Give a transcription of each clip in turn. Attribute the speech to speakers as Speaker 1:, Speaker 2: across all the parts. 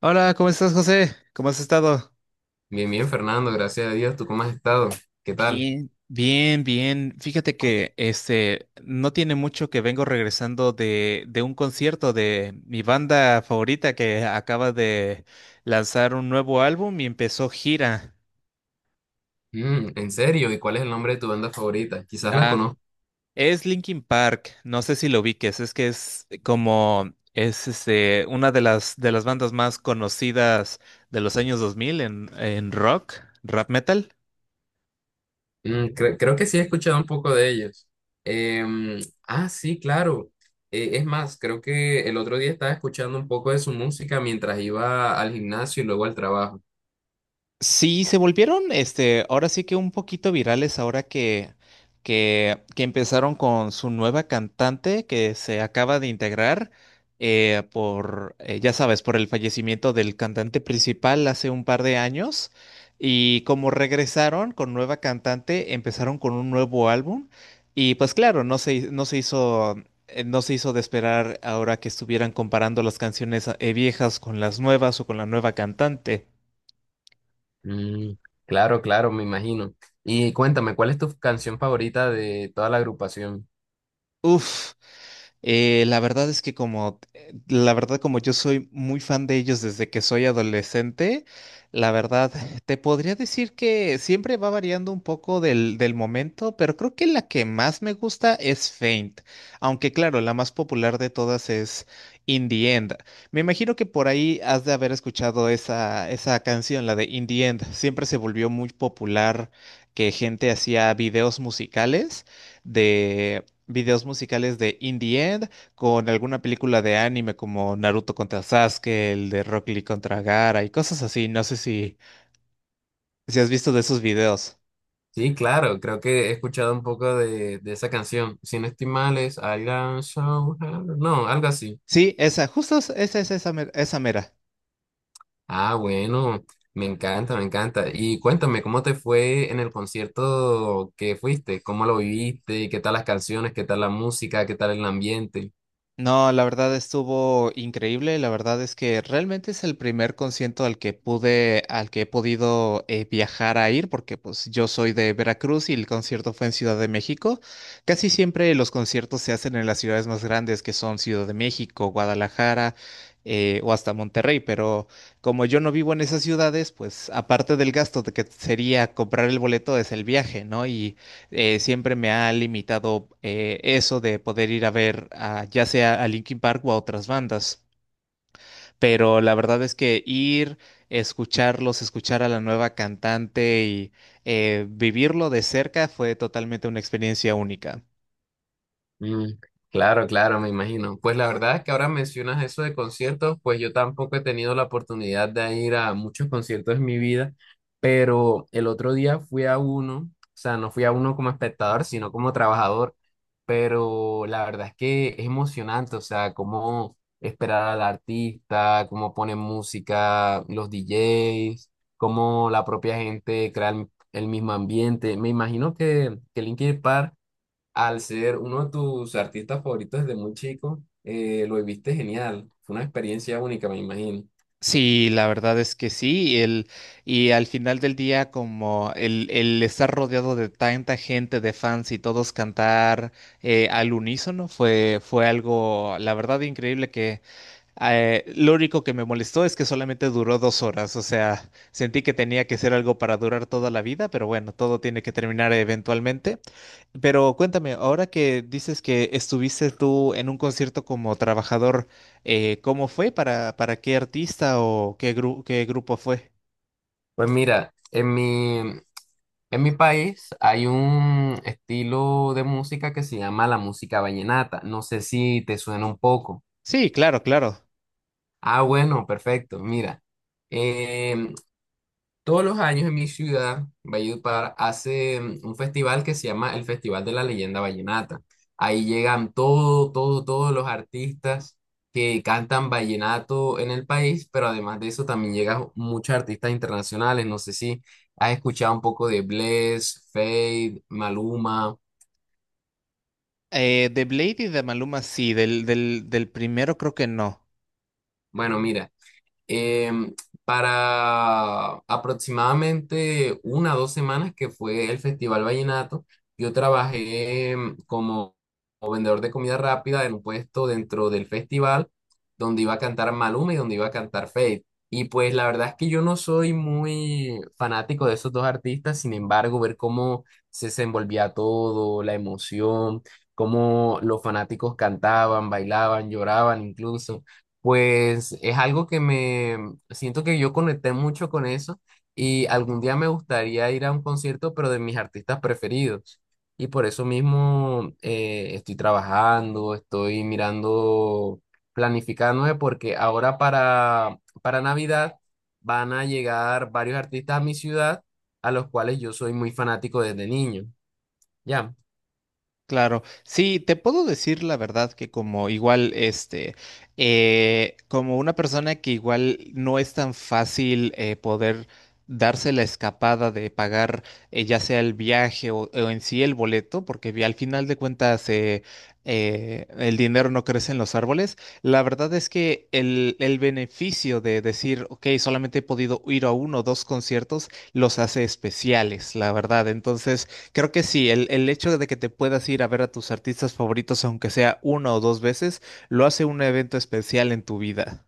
Speaker 1: Hola, ¿cómo estás, José? ¿Cómo has estado?
Speaker 2: Bien, bien, Fernando, gracias a Dios. ¿Tú cómo has estado? ¿Qué tal?
Speaker 1: Bien, bien, bien. Fíjate que este no tiene mucho que vengo regresando de un concierto de mi banda favorita que acaba de lanzar un nuevo álbum y empezó gira.
Speaker 2: ¿En serio? ¿Y cuál es el nombre de tu banda favorita? Quizás la
Speaker 1: Ah,
Speaker 2: conozco.
Speaker 1: es Linkin Park. No sé si lo ubiques, es que es como es este una de las bandas más conocidas de los años 2000 en rock, rap metal.
Speaker 2: Creo que sí he escuchado un poco de ellos. Em, sí, claro. Es más, creo que el otro día estaba escuchando un poco de su música mientras iba al gimnasio y luego al trabajo.
Speaker 1: Sí, se volvieron, este, ahora sí que un poquito virales ahora que empezaron con su nueva cantante que se acaba de integrar, ya sabes, por el fallecimiento del cantante principal hace un par de años. Y como regresaron con nueva cantante, empezaron con un nuevo álbum. Y pues claro, no se hizo de esperar ahora que estuvieran comparando las canciones viejas con las nuevas o con la nueva cantante.
Speaker 2: Mm, claro, claro, me imagino. Y cuéntame, ¿cuál es tu canción favorita de toda la agrupación?
Speaker 1: Uf. La verdad como yo soy muy fan de ellos desde que soy adolescente, la verdad te podría decir que siempre va variando un poco del momento, pero creo que la que más me gusta es Faint, aunque claro, la más popular de todas es In the End. Me imagino que por ahí has de haber escuchado esa canción, la de In the End. Siempre se volvió muy popular que gente hacía de videos musicales de In the End con alguna película de anime como Naruto contra Sasuke, el de Rock Lee contra Gaara y cosas así. No sé si has visto de esos videos.
Speaker 2: Sí, claro, creo que he escuchado un poco de esa canción. Si no estoy mal, es I don't show her- No, algo así.
Speaker 1: Sí, esa, justo esa es esa, esa mera.
Speaker 2: Ah, bueno, me encanta, me encanta. Y cuéntame, ¿cómo te fue en el concierto que fuiste? ¿Cómo lo viviste? ¿Qué tal las canciones? ¿Qué tal la música? ¿Qué tal el ambiente?
Speaker 1: No, la verdad estuvo increíble. La verdad es que realmente es el primer concierto al que he podido, viajar a ir, porque pues yo soy de Veracruz y el concierto fue en Ciudad de México. Casi siempre los conciertos se hacen en las ciudades más grandes, que son Ciudad de México, Guadalajara, o hasta Monterrey. Pero como yo no vivo en esas ciudades, pues aparte del gasto de que sería comprar el boleto es el viaje, ¿no? Y siempre me ha limitado eso de poder ir a ver ya sea a Linkin Park o a otras bandas. Pero la verdad es que ir, escucharlos, escuchar a la nueva cantante y vivirlo de cerca fue totalmente una experiencia única.
Speaker 2: Mm, claro, claro, me imagino. Pues la verdad es que ahora mencionas eso de conciertos, pues yo tampoco he tenido la oportunidad de ir a muchos conciertos en mi vida, pero el otro día fui a uno, o sea, no fui a uno como espectador, sino como trabajador, pero la verdad es que es emocionante, o sea, cómo esperar al artista, cómo ponen música, los DJs, cómo la propia gente crea el mismo ambiente. Me imagino que Linkin Park al ser uno de tus artistas favoritos desde muy chico, lo viviste genial. Fue una experiencia única, me imagino.
Speaker 1: Sí, la verdad es que sí, y al final del día como el estar rodeado de tanta gente, de fans y todos cantar al unísono fue algo, la verdad, increíble. Que Lo único que me molestó es que solamente duró 2 horas, o sea, sentí que tenía que ser algo para durar toda la vida, pero bueno, todo tiene que terminar eventualmente. Pero cuéntame, ahora que dices que estuviste tú en un concierto como trabajador, ¿cómo fue? ¿Para qué artista o qué qué grupo fue?
Speaker 2: Pues mira, en mi país hay un estilo de música que se llama la música vallenata. No sé si te suena un poco.
Speaker 1: Sí, claro, claro.
Speaker 2: Ah, bueno, perfecto. Mira, em, todos los años en mi ciudad, Valledupar, hace un festival que se llama el Festival de la Leyenda Vallenata. Ahí llegan todos los artistas que cantan vallenato en el país, pero además de eso también llegan muchos artistas internacionales. No sé si has escuchado un poco de Bless, Fade, Maluma.
Speaker 1: De Blade y de Maluma, sí, del primero creo que no.
Speaker 2: Bueno, mira. em, para aproximadamente una o dos semanas que fue el Festival Vallenato, yo trabajé como, como vendedor de comida rápida en un puesto dentro del festival donde iba a cantar Maluma y donde iba a cantar Feid. Y pues la verdad es que yo no soy muy fanático de esos dos artistas, sin embargo, ver cómo se desenvolvía todo, la emoción, cómo los fanáticos cantaban, bailaban, lloraban incluso. Pues es algo que me siento que yo conecté mucho con eso y algún día me gustaría ir a un concierto, pero de mis artistas preferidos. Y por eso mismo estoy trabajando, estoy mirando, planificándome, porque ahora para Navidad van a llegar varios artistas a mi ciudad, a los cuales yo soy muy fanático desde niño. ¿Ya?
Speaker 1: Claro, sí, te puedo decir la verdad que como igual, este, como una persona que igual no es tan fácil poder darse la escapada de pagar ya sea el viaje o en sí el boleto, porque al final de cuentas el dinero no crece en los árboles, la verdad es que el beneficio de decir, ok, solamente he podido ir a uno o dos conciertos, los hace especiales, la verdad. Entonces. Creo que sí, el hecho de que te puedas ir a ver a tus artistas favoritos, aunque sea una o dos veces, lo hace un evento especial en tu vida.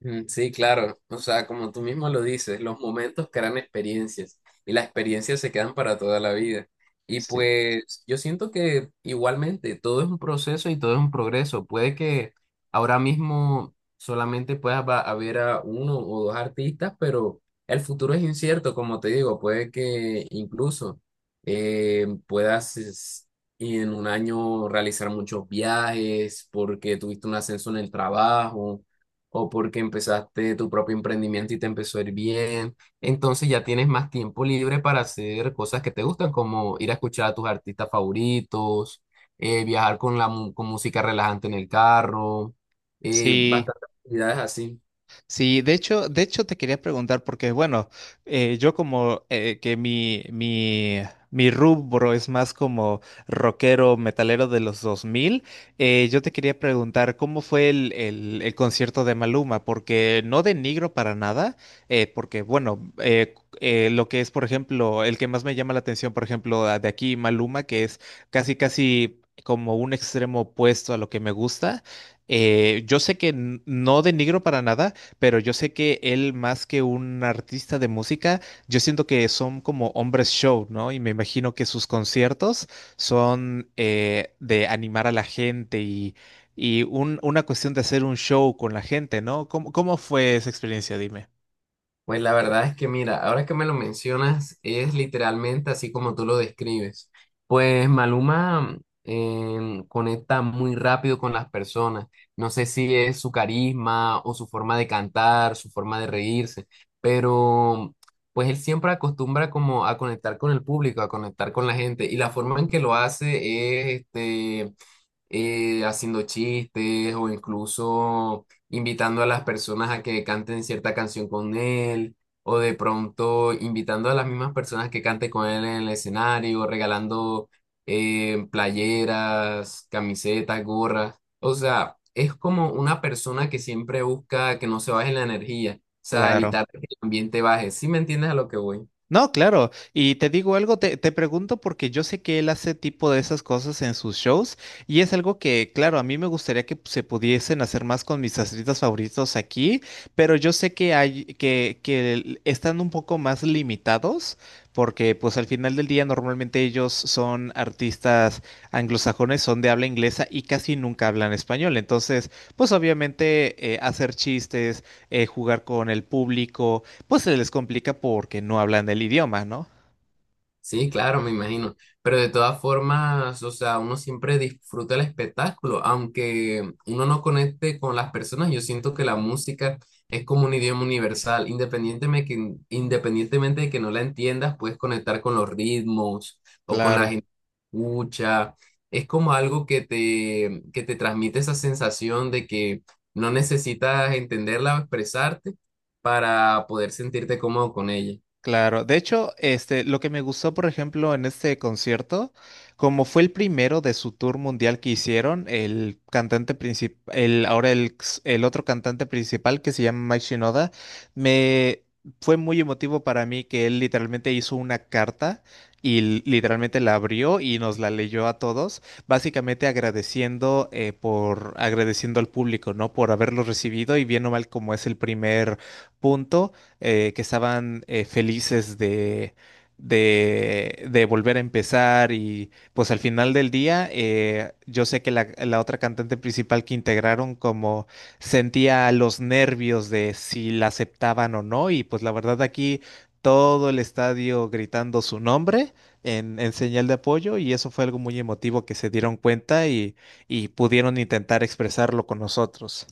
Speaker 2: Sí, claro. O sea, como tú mismo lo dices, los momentos crean experiencias y las experiencias se quedan para toda la vida. Y
Speaker 1: Sí.
Speaker 2: pues yo siento que igualmente todo es un proceso y todo es un progreso. Puede que ahora mismo solamente a ver a uno o dos artistas, pero el futuro es incierto, como te digo. Puede que incluso eh, puedas es- y en un año realizar muchos viajes porque tuviste un ascenso en el trabajo o porque empezaste tu propio emprendimiento y te empezó a ir bien. Entonces ya tienes más tiempo libre para hacer cosas que te gustan, como ir a escuchar a tus artistas favoritos, viajar con la con música relajante en el carro,
Speaker 1: Sí.
Speaker 2: bastantes actividades así.
Speaker 1: Sí, de hecho te quería preguntar porque, bueno, yo como que mi rubro es más como rockero, metalero de los 2000, yo te quería preguntar cómo fue el concierto de Maluma, porque no denigro para nada, porque, bueno, lo que es, por ejemplo, el que más me llama la atención, por ejemplo, de aquí Maluma, que es casi, casi como un extremo opuesto a lo que me gusta. Yo sé que no denigro para nada, pero yo sé que él más que un artista de música, yo siento que son como hombres show, ¿no? Y me imagino que sus conciertos son de animar a la gente y una cuestión de hacer un show con la gente, ¿no? ¿Cómo fue esa experiencia? Dime.
Speaker 2: Pues la verdad es que mira, ahora que me lo mencionas, es literalmente así como tú lo describes. Pues Maluma conecta muy rápido con las personas. No sé si es su carisma o su forma de cantar, su forma de reírse, pero pues él siempre acostumbra como a conectar con el público, a conectar con la gente. Y la forma en que lo hace es este, haciendo chistes o incluso invitando a las personas a que canten cierta canción con él, o de pronto invitando a las mismas personas que canten con él en el escenario, regalando playeras, camisetas, gorras. O sea, es como una persona que siempre busca que no se baje la energía, o sea,
Speaker 1: Claro.
Speaker 2: evitar que el ambiente baje. ¿Sí me entiendes a lo que voy?
Speaker 1: No, claro. Y te digo algo, te pregunto porque yo sé que él hace tipo de esas cosas en sus shows y es algo que, claro, a mí me gustaría que se pudiesen hacer más con mis artistas favoritos aquí, pero yo sé que hay que están un poco más limitados porque pues al final del día normalmente ellos son artistas anglosajones, son de habla inglesa y casi nunca hablan español. Entonces, pues obviamente hacer chistes, jugar con el público pues se les complica porque no hablan del idioma, ¿no?
Speaker 2: Sí, claro, me imagino. Pero de todas formas, o sea, uno siempre disfruta el espectáculo, aunque uno no conecte con las personas, yo siento que la música es como un idioma universal, independientemente de que no la entiendas, puedes conectar con los ritmos o con la
Speaker 1: Claro.
Speaker 2: gente que escucha. Es como algo que que te transmite esa sensación de que no necesitas entenderla o expresarte para poder sentirte cómodo con ella.
Speaker 1: Claro, de hecho, este, lo que me gustó, por ejemplo, en este concierto, como fue el primero de su tour mundial que hicieron, el cantante principal, el, ahora el, ex- el otro cantante principal que se llama Mike Shinoda, me fue muy emotivo para mí que él literalmente hizo una carta y literalmente la abrió y nos la leyó a todos, básicamente agradeciendo al público, ¿no? Por haberlo recibido y bien o mal como es el primer punto que estaban felices de volver a empezar y pues al final del día yo sé que la otra cantante principal que integraron como sentía los nervios de si la aceptaban o no y pues la verdad aquí todo el estadio gritando su nombre en señal de apoyo y eso fue algo muy emotivo que se dieron cuenta y pudieron intentar expresarlo con nosotros.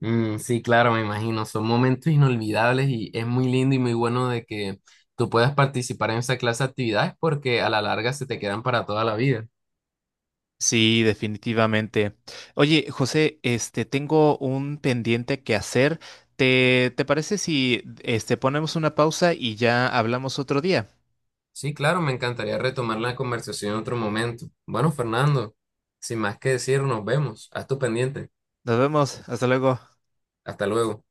Speaker 2: Sí, claro, me imagino. Son momentos inolvidables y es muy lindo y muy bueno de que tú puedas participar en esa clase de actividades porque a la larga se te quedan para toda la vida.
Speaker 1: Sí, definitivamente. Oye, José, este, tengo un pendiente que hacer. ¿Te parece si, este, ponemos una pausa y ya hablamos otro día?
Speaker 2: Sí, claro, me encantaría retomar la conversación en otro momento. Bueno, Fernando, sin más que decir, nos vemos. Haz tu pendiente.
Speaker 1: Nos vemos. Hasta luego.
Speaker 2: Hasta luego.